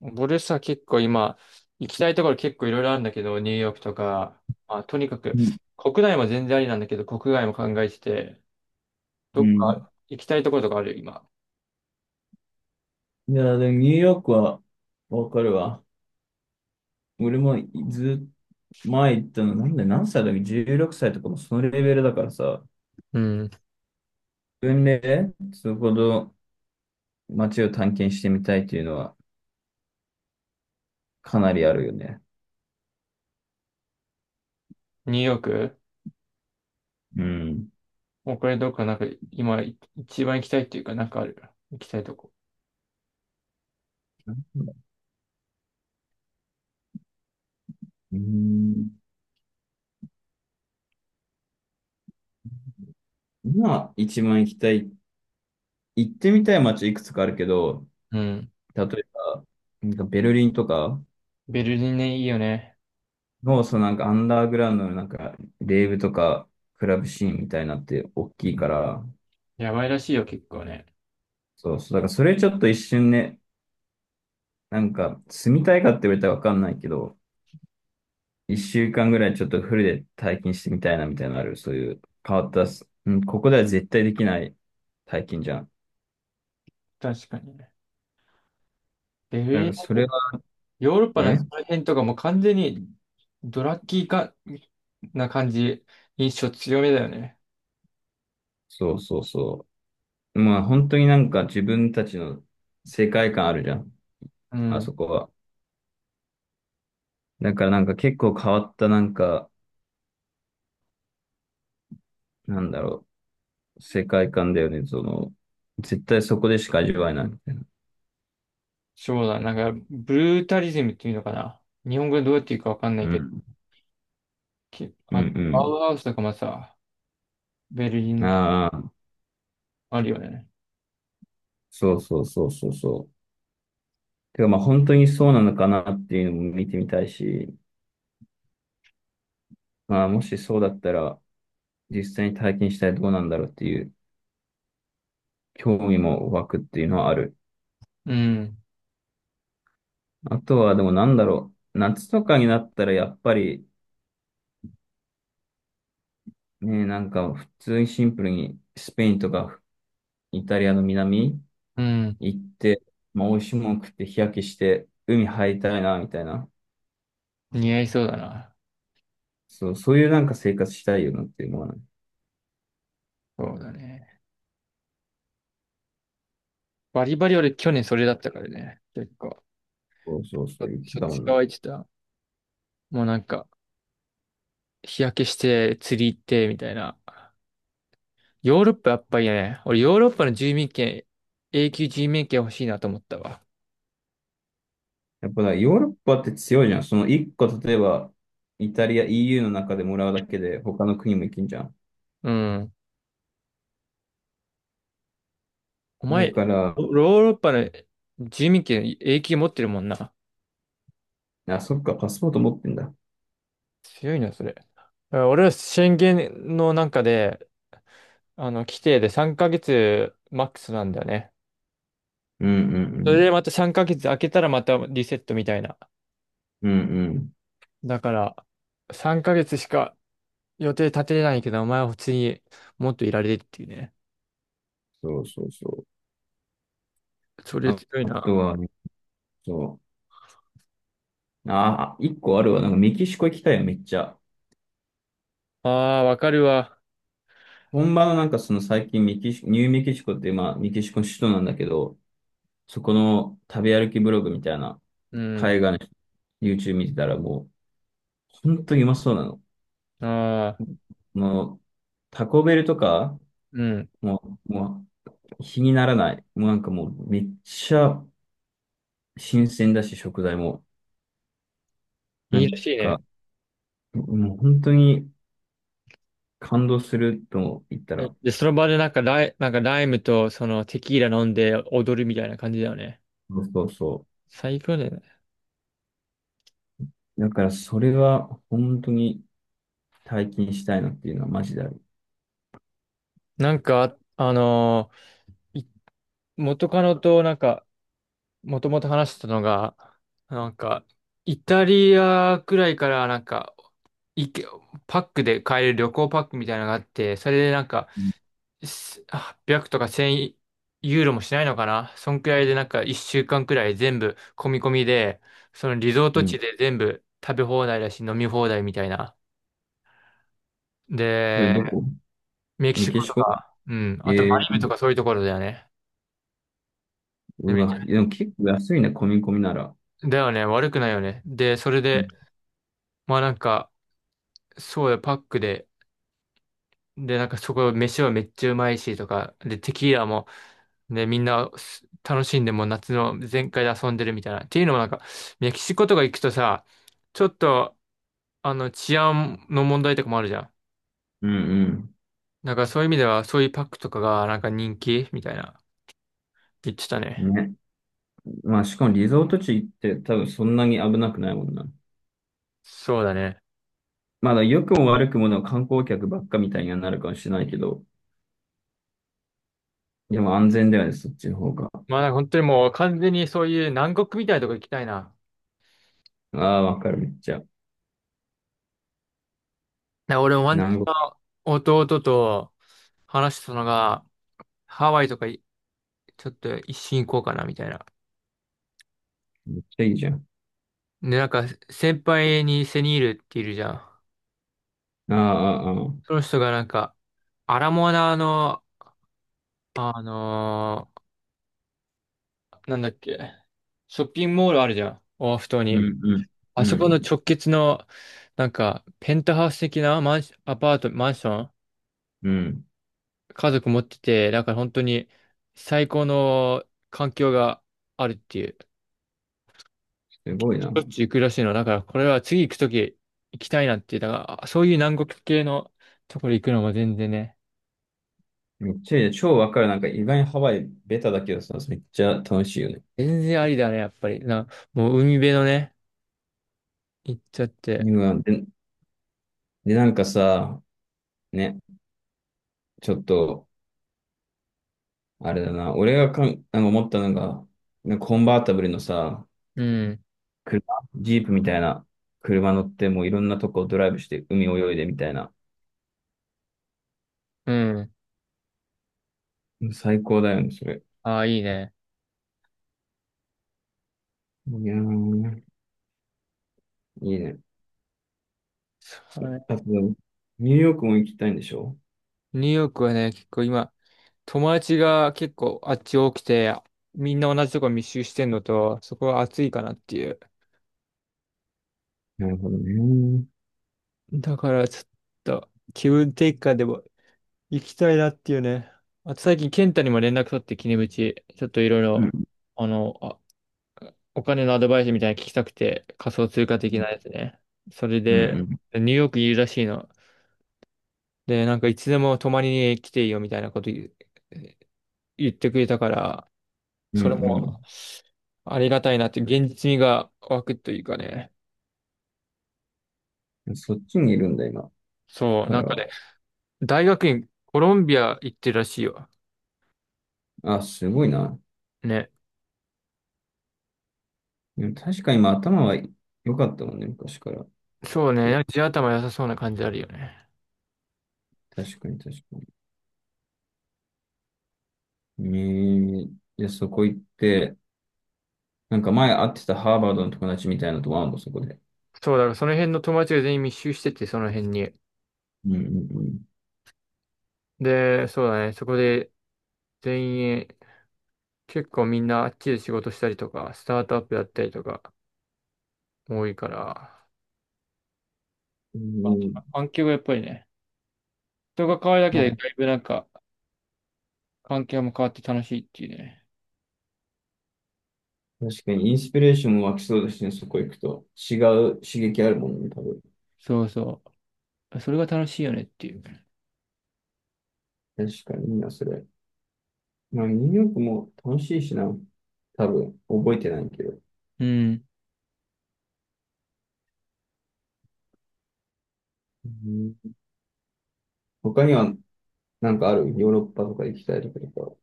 俺さ、結構今、行きたいところ結構いろいろあるんだけど、ニューヨークとか、まあ、とにかく、うん。国内も全然ありなんだけど、国外も考えてて、うどっんか行きたいところとかある、今？いや、でもニューヨークはわかるわ。俺もずっ前行ったの、なんで何歳だっけ？ 16 歳とかもそのレベルだからさ、うん。分類でそこの街を探検してみたいっていうのはかなりあるよね。ニューヨークうん。もうこれどっかなんか、今、一番行きたいっていうか、なんかある？行きたいとこ。うん。今、一番行きたい、行ってみたい街いくつかあるけど、うん。例えば、なんかベルリンとかベルリンね、いいよね。の、そのなんかアンダーグラウンドのなんか、レーブとか、クラブシーンみたいなって大きいから、やばいらしいよ、結構ね。そうそう。だからそれちょっと一瞬ね、なんか住みたいかって言われたらわかんないけど、一週間ぐらいちょっとフルで体験してみたいなみたいなのある。そういう変わったす、うん、ここでは絶対できない体験じゃん。確かにね。ベルだかリンらだそと、れはヨーロッパね、のその辺とかもう完全に、ドラッキーか、な感じ、印象強めだよね。そうそうそう。まあ本当になんか自分たちの世界観あるじゃん。うあん。そこは。だからなんか結構変わったなんか、なんだろう、世界観だよね。その、絶対そこでしか味わえないみたいな。そうだ、なんか、ブルータリズムっていうのかな。日本語でどうやって言うかわかんなういけど、ん。きうあ、アんウハウスとかもさ、ベルリうンとかん。ああ。あるよね。そうそうそうそうそう。てかまあ本当にそうなのかなっていうのも見てみたいし、まあもしそうだったら実際に体験したらどうなんだろうっていう興味も湧くっていうのはある。うん、あとはでもなんだろう。夏とかになったらやっぱりね、なんか普通にシンプルにスペインとかイタリアの南うん、行って、まあ美味しいもの食って日焼けして海入りたいなみたいな。似合いそうだな。そう、そういうなんか生活したいよなっていうのはね、そうだね。バリバリ俺去年それだったからね。結構、そうそうそう言ってしょったちもゅうんな。乾いてた。もうなんか、日焼けして釣り行ってみたいな。ヨーロッパやっぱりね、俺ヨーロッパの住民権、永久住民権欲しいなと思ったわ。やっぱだ、ヨーロッパって強いじゃん。その一個、例えば、イタリア、EU の中でもらうだけで、他の国も行けんじゃん。うん。おだ前、から、ヨーロッパの住民権永久持ってるもんな。あ、そっか、パスポート持ってんだ。強いな、それ。俺は宣言のなんかで、あの、規定で3ヶ月マックスなんだよね。うんうんうそれん。でまた3ヶ月空けたらまたリセットみたいな。うんうん。だから、3ヶ月しか予定立てれないけど、お前は普通にもっといられるっていうね。そうそうそそう。れあ、強いあとな。は、ね、そう。あ、あ一個あるわ。なんかメキシコ行きたいよ、めっちゃ。ああ、わかるわ。本場のなんかその最近メキシ、ニューメキシコって、まあ、メキシコの首都なんだけど、そこの食べ歩きブログみたいな、うん。海外の YouTube 見てたらもう、本当にうまそうなの。ああ、もう、タコベルとか、うん。もう、もう、比にならない。もうなんかもう、めっちゃ新鮮だし、食材も。ないいらんしいか、ね。もう本当に感動すると言ったえら、で、その場でなんかライムとそのテキーラ飲んで踊るみたいな感じだよね。そうそうそ最高だよね。う。だから、それは本当に体験したいなっていうのはマジである。なんか、ー元カノとなんか、もともと話してたのが、なんか、イタリアくらいからなんか、いけ、パックで買える旅行パックみたいなのがあって、それでなんか、うん。800とか1000ユーロもしないのかなそんくらいでなんか1週間くらい全部込み込みで、そのリゾート地で全部食べ放題だし飲み放題みたいな。それで、どこメキメシキコシとコか、うん、あとえマリブー、とかそういうところだよね。でめうっちわ、ゃでも結構安いね、込み込みなら。だよね、悪くないよね。で、それうで、んまあなんか、そうだよ、パックで。で、なんかそこ、飯はめっちゃうまいし、とか。で、テキーラも、ね、みんな楽しんでもう夏の全開で遊んでるみたいな。っていうのもなんか、メキシコとか行くとさ、ちょっと、あの、治安の問題とかもあるじゃん。うんなんかそういう意味では、そういうパックとかがなんか人気みたいな、言ってたうね。ん。ね。まあ、しかもリゾート地行って多分そんなに危なくないもんな。そうだね。まだ良くも悪くもの観光客ばっかみたいにはなるかもしれないけど、でも安全だよね、そっちの方が。まあなんか本当にもう完全にそういう南国みたいなとこ行きたいな。ああ、わかる、めっちゃ。なんか俺もワンチ南国、ャン弟と話したのが、ハワイとかちょっと一瞬行こうかな、みたいな。めっちゃいいじゃん。で、なんか、先輩にセニールっているじゃん。ああ、ああ、あそあ。の人がなんか、アラモアナの、あのーなんだっけ、ショッピングモールあるじゃん。オアフ島うに。んうん、あうそこのん、直結の、なんか、ペンタハウス的なマンシ、アパート、マンション、うん。家族持ってて、だから本当に最高の環境があるっていう。すごいしな。ょっちゅう行くらしいの。だから、これは次行くとき行きたいなって言ったから、そういう南国系のところ行くのも全然ね、めっちゃいいね。超わかる。なんか意外にハワイベタだけどさ、めっちゃ楽しいよね。全然ありだね、やっぱり。な、もう海辺のね、行っちゃって。うわで、で、なんかさ、ね、ちょっと、あれだな。俺がかん、なんか思ったのが、なんかコンバータブルのさ、うん、車、ジープみたいな車乗ってもういろんなとこドライブして海泳いでみたいな。うん。最高だよね、それ。ああ、いいね。いやー、いいね。はい。あと、ニューヨークも行きたいんでしょ。ニューヨークはね、結構今、友達が結構あっち多くて、みんな同じとこ密集してんのと、そこは暑いかなっていう。なるほどね。うんだから、ちょっと、気分転換でも行きたいなっていうね。あと最近、健太にも連絡取って、キネムチ。ちょっといろいろ、うあの、あ、お金のアドバイスみたいなの聞きたくて、仮想通貨的なやんつね。それうで、ん。ニューヨークいるらしいの。で、なんかいつでも泊まりに来ていいよみたいなこと言ってくれたから、うそれんも、ありがたいなって、現実味が湧くというかね。うん。そっちにいるんだ、今そう、かならんかは。ね、大学院、コロンビア行ってるらしいよ。あ、すごいな。ね。でも確かに今頭は良かったもんね、昔から。そうでね、地頭良さそうな感じあるよね。確かに確かに。えー、じゃあそこ行って、なんか前会ってたハーバードの友達みたいなとこあるの、そこで。そうだから、その辺の友達が全員密集してて、その辺に。うんうんうん。で、そうだね、そこで全員、結構みんなあっちで仕事したりとか、スタートアップやったりとか、多いから。うあん。環境がやっぱりね、人が変わるだけまで、あ、だいぶなんか、環境も変わって楽しいっていうね。確かに、インスピレーションも湧きそうですね、そこ行くと。違う刺激あるもんね、多分。そうそう。それが楽しいよねっていう。確かにいいな、それ。まあ、ニューヨークも楽しいしな。多分、覚えてないけど。うん。うん、他には、なんかあるヨーロッパとか行きたいとかとか。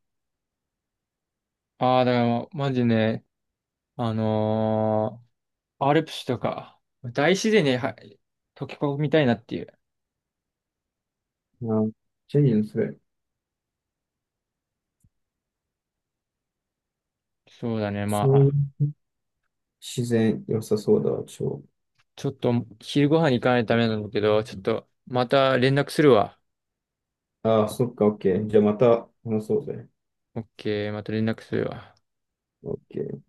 ああ、だからもう、マジね、あのーアルプスとか、大自然には溶け込みたいなっていう。まあ、チェリーのそれ。そうだね。まそういうあ、自然良さそうだわ、超。ちょっと昼ご飯に行かないとダメなんだけど、ちょっとまた連絡するわ。ああ、そっか、オッケー。じゃあまた話そうぜ。オッケー、また連絡するわ。オッケー。